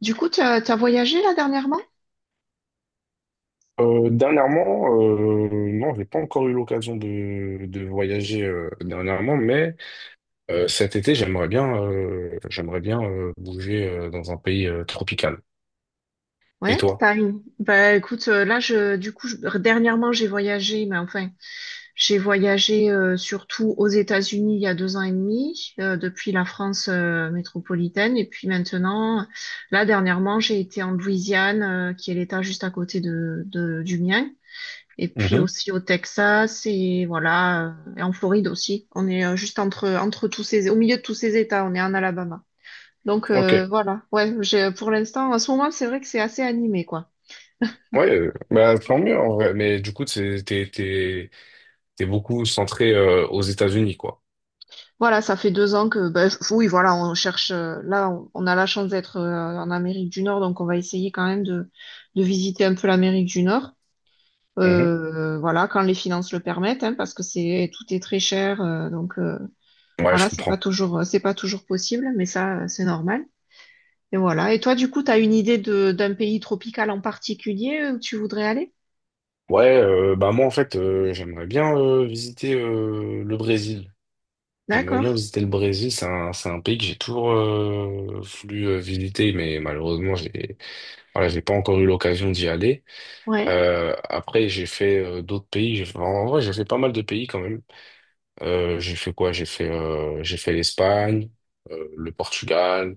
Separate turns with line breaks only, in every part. Du coup, tu as voyagé là dernièrement?
Dernièrement, non, j'ai pas encore eu l'occasion de voyager dernièrement, mais cet été, j'aimerais bien bouger dans un pays tropical. Et
Ouais,
toi?
t'as une. Bah écoute, là je du coup je- dernièrement j'ai voyagé, mais enfin j'ai voyagé surtout aux États-Unis il y a 2 ans et demi, depuis la France métropolitaine, et puis maintenant, là dernièrement j'ai été en Louisiane, qui est l'État juste à côté du mien, et puis
Mhm.
aussi au Texas et voilà, et en Floride aussi. On est juste entre entre tous ces au milieu de tous ces États, on est en Alabama. Donc
Ok.
voilà, ouais, j'ai pour l'instant, en ce moment, c'est vrai que c'est assez animé, quoi.
Ouais, tant mieux en vrai. Mais du coup, t'es beaucoup centré aux États-Unis, quoi.
Voilà, ça fait 2 ans que, ben, oui, voilà, on cherche, là, on a la chance d'être en Amérique du Nord, donc on va essayer quand même de visiter un peu l'Amérique du Nord.
Mhm.
Voilà, quand les finances le permettent, hein, parce que c'est tout est très cher, donc
Ouais, je
voilà,
comprends.
c'est pas toujours possible, mais ça, c'est normal. Et voilà. Et toi, du coup, t'as une idée de d'un pays tropical en particulier où tu voudrais aller?
Ouais, bah moi en fait, j'aimerais bien visiter le Brésil. J'aimerais
D'accord.
bien visiter le Brésil, c'est un pays que j'ai toujours voulu visiter, mais malheureusement, j'ai voilà, j'ai pas encore eu l'occasion d'y aller.
Ouais.
Après, j'ai fait d'autres pays. En vrai, j'ai fait pas mal de pays quand même. J'ai fait quoi? J'ai fait l'Espagne, le Portugal.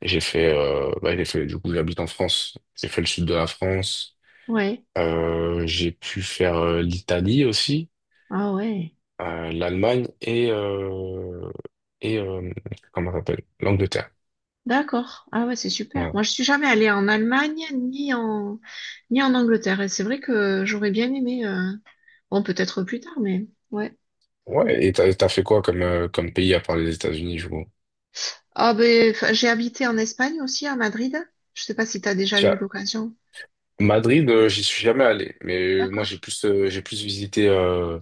J'ai fait j'ai fait du coup j'habite en France. J'ai fait le sud de la France.
Ouais.
J'ai pu faire l'Italie aussi,
Ah ouais.
l'Allemagne et comment ça s'appelle? L'Angleterre.
D'accord. Ah ouais, c'est super.
Ouais,
Moi, je suis jamais allée en Allemagne ni en Angleterre. Et c'est vrai que j'aurais bien aimé. Bon, peut-être plus tard, mais ouais.
ouais, et t'as fait quoi comme, comme pays à part les États-Unis, je vois.
Ah ben, enfin, j'ai habité en Espagne aussi, à Madrid. Je sais pas si tu as déjà eu
Tiens,
l'occasion.
Madrid, j'y suis jamais allé, mais moi
D'accord.
j'ai plus visité euh,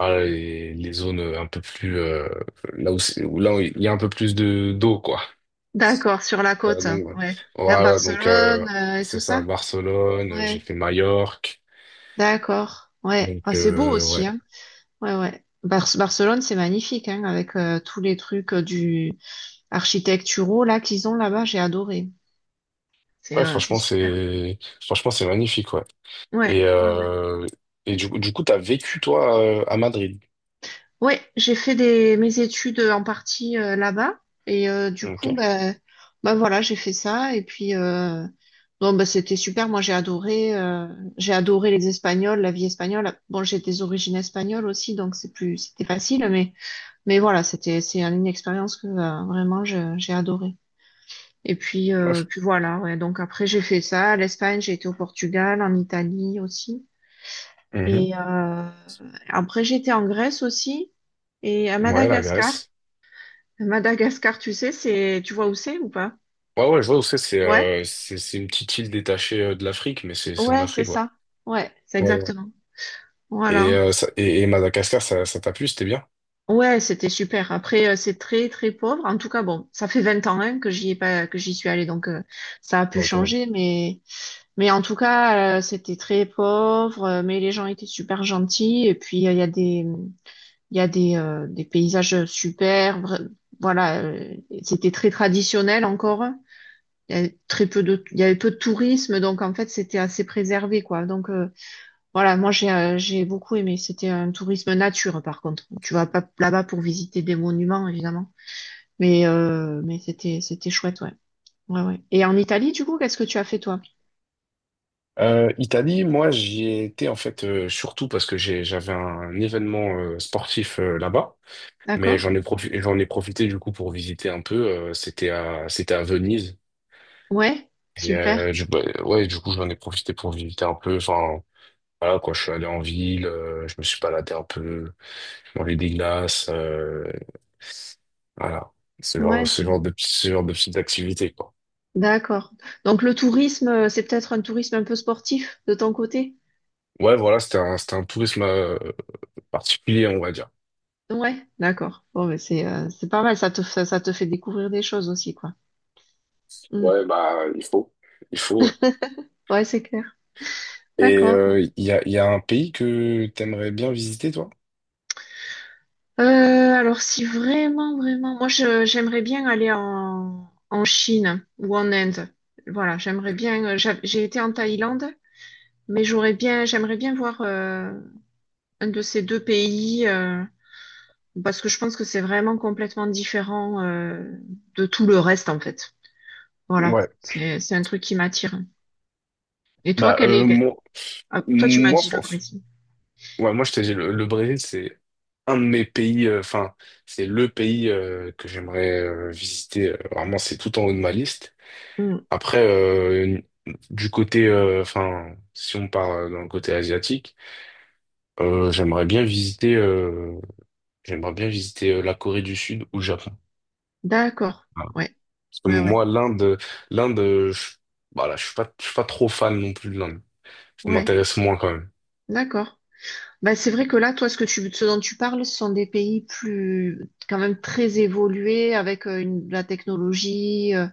ah, les zones un peu plus là où, là où il y a un peu plus de d'eau quoi.
D'accord, sur la
Euh,
côte.
donc euh,
Ouais. Vers
voilà,
Barcelone et tout
c'est ça,
ça.
Barcelone, j'ai
Ouais.
fait Majorque,
D'accord. Ouais.
donc
Ah, c'est beau
euh,
aussi,
ouais,
hein. Ouais, ouais. Barcelone, c'est magnifique, hein, avec tous les trucs du architecturaux là qu'ils ont là-bas. J'ai adoré. C'est
ouais,
euh, c'est super.
franchement c'est magnifique ouais. Et
Ouais, ouais, ouais.
euh, et du coup t'as vécu toi à Madrid,
Ouais, j'ai fait mes études en partie là-bas. Et du coup,
ok?
bah, bah voilà, j'ai fait ça. Et puis, bon, bah, c'était super. Moi, j'ai adoré les Espagnols, la vie espagnole. Bon, j'ai des origines espagnoles aussi, donc c'est plus, c'était facile. Mais voilà, c'était, c'est une expérience que vraiment, j'ai adoré. Et puis, voilà, ouais. Donc après, j'ai fait ça. L'Espagne, j'ai été au Portugal, en Italie aussi.
Ouais.
Et après, j'étais en Grèce aussi. Et à
Ouais, la
Madagascar,
Grèce.
Madagascar, tu sais, c'est, tu vois où c'est ou pas?
Ouais, ouais, je vois où c'est. C'est
Ouais,
c'est une petite île détachée de l'Afrique, mais c'est en
ouais, c'est
Afrique, ouais.
ça. Ouais, c'est
Ouais, ouais.
exactement.
Et,
Voilà.
et Madagascar, ça t'a plu, c'était bien?
Ouais, c'était super. Après, c'est très, très pauvre. En tout cas, bon, ça fait 20 ans hein, que j'y ai pas, que j'y suis allée, donc ça a pu
Ouais, quand même.
changer, mais, en tout cas, c'était très pauvre. Mais les gens étaient super gentils. Et puis, il y a des paysages super. Voilà, c'était très traditionnel encore. Il y avait il y avait peu de tourisme, donc en fait c'était assez préservé quoi. Donc voilà, moi j'ai beaucoup aimé. C'était un tourisme nature par contre. Tu vas pas là-bas pour visiter des monuments évidemment, mais c'était chouette ouais. Ouais ouais. Et en Italie du coup, qu'est-ce que tu as fait toi?
Italie, moi, j'y ai été en fait surtout parce que j'avais un événement sportif là-bas, mais
D'accord?
j'en ai profité du coup pour visiter un peu. C'était à c'était à Venise
Ouais,
et
super.
ouais, du coup j'en ai profité pour visiter un peu. Enfin voilà quoi, je suis allé en ville, je me suis baladé un peu, manger des glaces, voilà,
Ouais,
ce genre de petites activités, quoi.
d'accord. Donc le tourisme, c'est peut-être un tourisme un peu sportif de ton côté?
Ouais, voilà, c'était un tourisme particulier, on va dire.
Ouais, d'accord. Bon, mais c'est pas mal, ça, te fait découvrir des choses aussi, quoi. Mm.
Ouais, bah, il faut. Il faut, ouais.
Ouais, c'est clair.
Et
D'accord.
il y a un pays que t'aimerais bien visiter, toi?
Alors si vraiment, vraiment, moi je j'aimerais bien aller en Chine ou en Inde. Voilà, j'aimerais bien. J'ai été en Thaïlande, mais j'aimerais bien voir un de ces deux pays parce que je pense que c'est vraiment complètement différent de tout le reste en fait. Voilà,
Ouais.
c'est un truc qui m'attire. Et toi,
Bah,
quel est... Ah, toi tu m'as
moi,
dit le
France.
Brésil.
Ouais, moi, je t'ai dit, le Brésil, c'est un de mes pays, enfin, c'est le pays que j'aimerais visiter. Vraiment, c'est tout en haut de ma liste.
Hmm.
Après, enfin, si on part dans le côté asiatique, euh, j'aimerais bien visiter, euh, j'aimerais bien visiter la Corée du Sud ou le Japon.
D'accord.
Voilà.
Ouais,
Parce que
ouais, ouais,
moi, l'Inde, voilà, je suis pas trop fan non plus de l'Inde. Ça
ouais.
m'intéresse moins quand même.
D'accord. Bah, c'est vrai que là, toi, ce que tu, ce dont tu parles, ce sont des pays plus, quand même très évolués avec de la technologie. euh,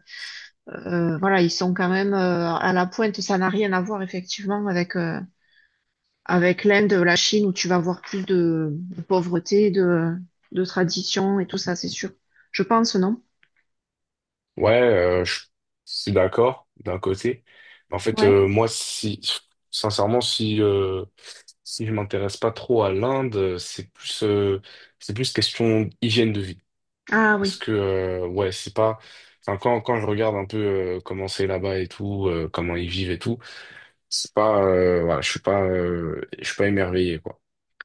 euh, Voilà, ils sont quand même à la pointe. Ça n'a rien à voir effectivement avec l'Inde, la Chine, où tu vas avoir plus de pauvreté, de tradition et tout ça, c'est sûr. Je pense, non?
Ouais, je suis d'accord d'un côté. Mais en fait,
Ouais.
moi, si, sincèrement, si je m'intéresse pas trop à l'Inde, c'est plus question hygiène de vie.
Ah
Parce
oui.
que, ouais, c'est pas. Enfin, quand je regarde un peu comment c'est là-bas et tout, comment ils vivent et tout, c'est pas. Voilà, je suis pas émerveillé, quoi.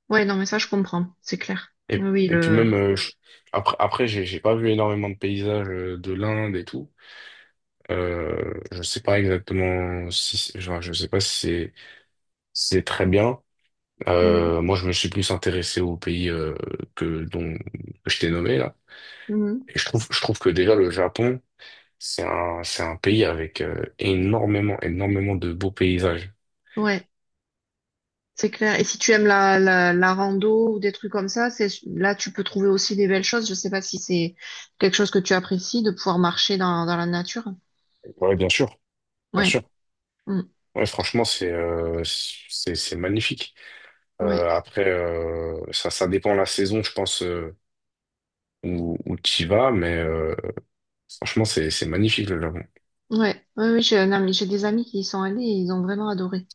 Ouais, non, mais ça, je comprends. C'est clair.
Et,
Oui, oui,
et puis
le.
même, après, j'ai pas vu énormément de paysages de l'Inde et tout. Je sais pas exactement si. Genre, je sais pas si c'est si c'est très bien.
Mhm.
Moi, je me suis plus intéressé aux pays que, dont, que je t'ai nommé, là.
Mhm.
Et je trouve que déjà le Japon. C'est un pays avec énormément de beaux paysages.
Ouais. C'est clair. Et si tu aimes la rando ou des trucs comme ça, c'est là tu peux trouver aussi des belles choses. Je sais pas si c'est quelque chose que tu apprécies de pouvoir marcher dans la nature.
Ouais, bien sûr, bien
Ouais.
sûr.
Mm.
Ouais, franchement, c'est c'est magnifique.
Ouais,
Après, ça dépend la saison, je pense euh, où tu y vas, mais franchement, c'est magnifique le Japon.
ouais, ouais, oui. J'ai des amis qui y sont allés et ils ont vraiment adoré.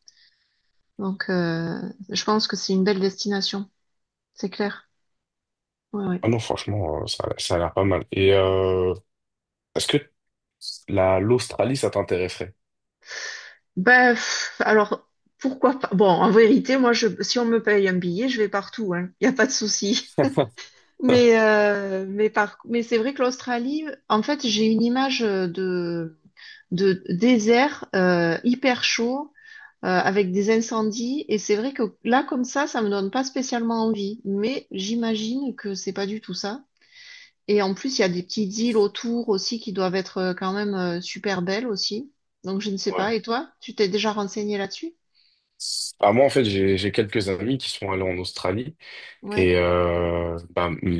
Donc, je pense que c'est une belle destination. C'est clair. Ouais, ouais.
Ah non, franchement, ça a l'air pas mal. Et est-ce que la l'Australie, ça t'intéresserait?
Ben, pff, alors pourquoi pas? Bon, en vérité, moi, je, si on me paye un billet, je vais partout. Hein. Il y a pas de souci. Mais, c'est vrai que l'Australie, en fait, j'ai une image de désert hyper chaud avec des incendies. Et c'est vrai que là, comme ça me donne pas spécialement envie. Mais j'imagine que c'est pas du tout ça. Et en plus, il y a des petites îles autour aussi qui doivent être quand même super belles aussi. Donc, je ne sais
Ouais.
pas. Et toi, tu t'es déjà renseigné là-dessus?
Ah, moi, en fait, j'ai quelques amis qui sont allés en Australie.
Ouais,
Et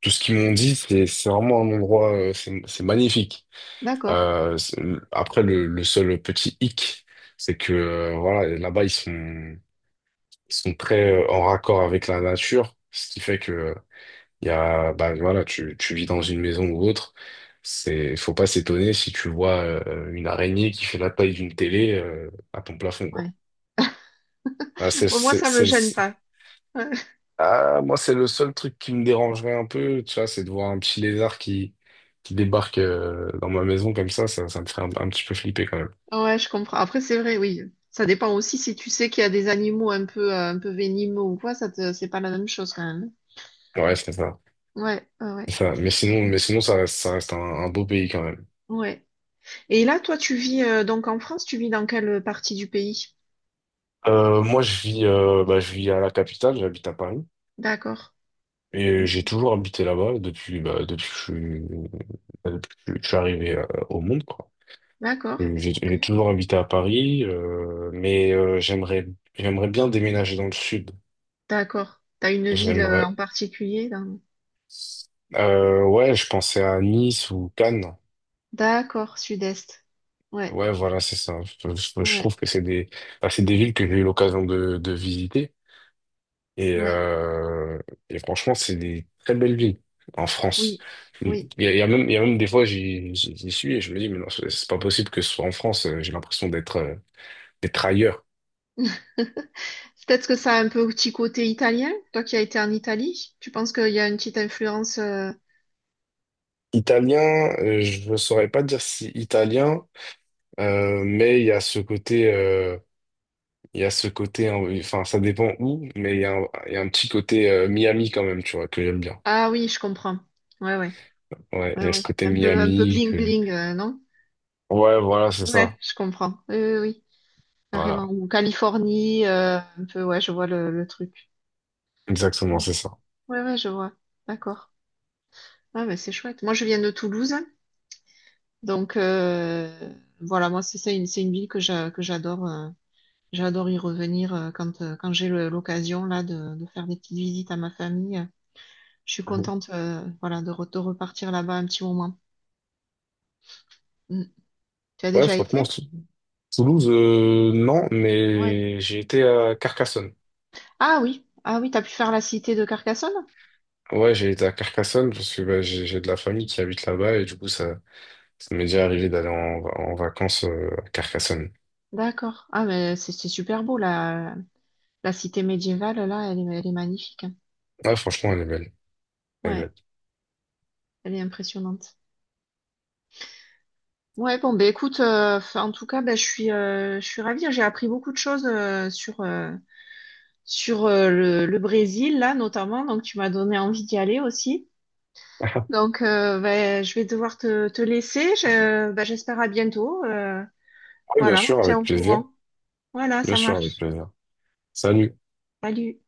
tout ce qu'ils m'ont dit, c'est vraiment un endroit, c'est magnifique.
d'accord.
Euh, c'est- Après, le seul petit hic, c'est que voilà, là-bas, ils sont très en raccord avec la nature, ce qui fait que il y a, bah, voilà, tu vis dans une maison ou autre. C'est, faut pas s'étonner si tu vois une araignée qui fait la taille d'une télé à ton plafond,
Ouais.
quoi. Ah, c'est,
Bon, moi,
c'est,
ça me gêne
c'est-
pas.
Ah, moi, c'est le seul truc qui me dérangerait un peu, tu vois, c'est de voir un petit lézard qui débarque dans ma maison comme ça, ça me ferait un petit peu flipper quand même.
Ouais, je comprends. Après, c'est vrai, oui. Ça dépend aussi si tu sais qu'il y a des animaux un peu, venimeux ou quoi, ça te, c'est pas la même chose quand même.
Ouais, c'est ça.
Ouais, ouais,
C'est
ouais.
ça. Mais sinon, ça reste un beau pays quand même.
Ouais. Et là, toi, tu vis donc en France, tu vis dans quelle partie du pays?
Moi, je vis à la capitale, j'habite à Paris.
D'accord.
Et
Ok.
j'ai toujours habité là-bas depuis, bah, depuis que je suis arrivé au monde, quoi.
D'accord. Ok.
J'ai toujours habité à Paris, j'aimerais bien déménager dans le sud.
D'accord. T'as une ville en
J'aimerais
particulier dans...
Ouais, je pensais à Nice ou Cannes.
D'accord, sud-est. Ouais,
Ouais, voilà, c'est ça. Je
ouais,
trouve que c'est des villes que j'ai eu l'occasion de visiter. Et,
ouais.
franchement, c'est des très belles villes en France.
Oui, oui.
Il y a même des fois, j'y suis et je me dis, mais non, c'est pas possible que ce soit en France. J'ai l'impression d'être d'être ailleurs.
Peut-être que ça a un peu petit côté italien. Toi qui as été en Italie, tu penses qu'il y a une petite influence
Italien, je ne saurais pas dire si italien, euh, mais il y a ce côté. euh, Il y a ce côté, hein, oui, enfin, ça dépend où, mais il y a un petit côté Miami quand même, tu vois, que j'aime bien.
Ah oui, je comprends. Ouais, ouais,
Ouais,
ouais,
il y a
ouais.
ce côté
Un peu
Miami
bling
que…
bling, non?
Ouais, voilà, c'est
Ouais,
ça.
je comprends. Oui, oui, oui, carrément.
Voilà,
Ou Californie, un peu, ouais, je vois le truc.
exactement, c'est ça.
Ouais, ouais, je vois. D'accord. Ah, mais c'est chouette. Moi, je viens de Toulouse, donc voilà, moi, c'est une ville que j'adore. J'adore y revenir quand j'ai l'occasion là de faire des petites visites à ma famille. Je suis
Mhm.
contente, voilà, de repartir là-bas un petit moment. Mm. Tu as
Ouais,
déjà
franchement,
été?
Toulouse, non,
Ouais.
mais j'ai été à Carcassonne.
Ah oui, ah oui, t'as pu faire la cité de Carcassonne?
Ouais, j'ai été à Carcassonne parce que bah, j'ai de la famille qui habite là-bas et du coup, ça m'est déjà arrivé d'aller en, en vacances à Carcassonne.
D'accord. Ah mais c'est super beau la cité médiévale là, elle est magnifique, hein.
Ouais, franchement, elle est belle. Elle est
Ouais,
belle.
elle est impressionnante. Ouais, bon ben écoute, en tout cas, ben, je suis ravie, hein. J'ai appris beaucoup de choses sur le Brésil là notamment, donc tu m'as donné envie d'y aller aussi. Donc ben, je vais devoir te laisser. Ben, j'espère à bientôt.
Oui, bien
Voilà, on se
sûr,
tient
avec
au
plaisir.
courant. Voilà,
Bien
ça
sûr, avec
marche.
plaisir. Salut.
Salut.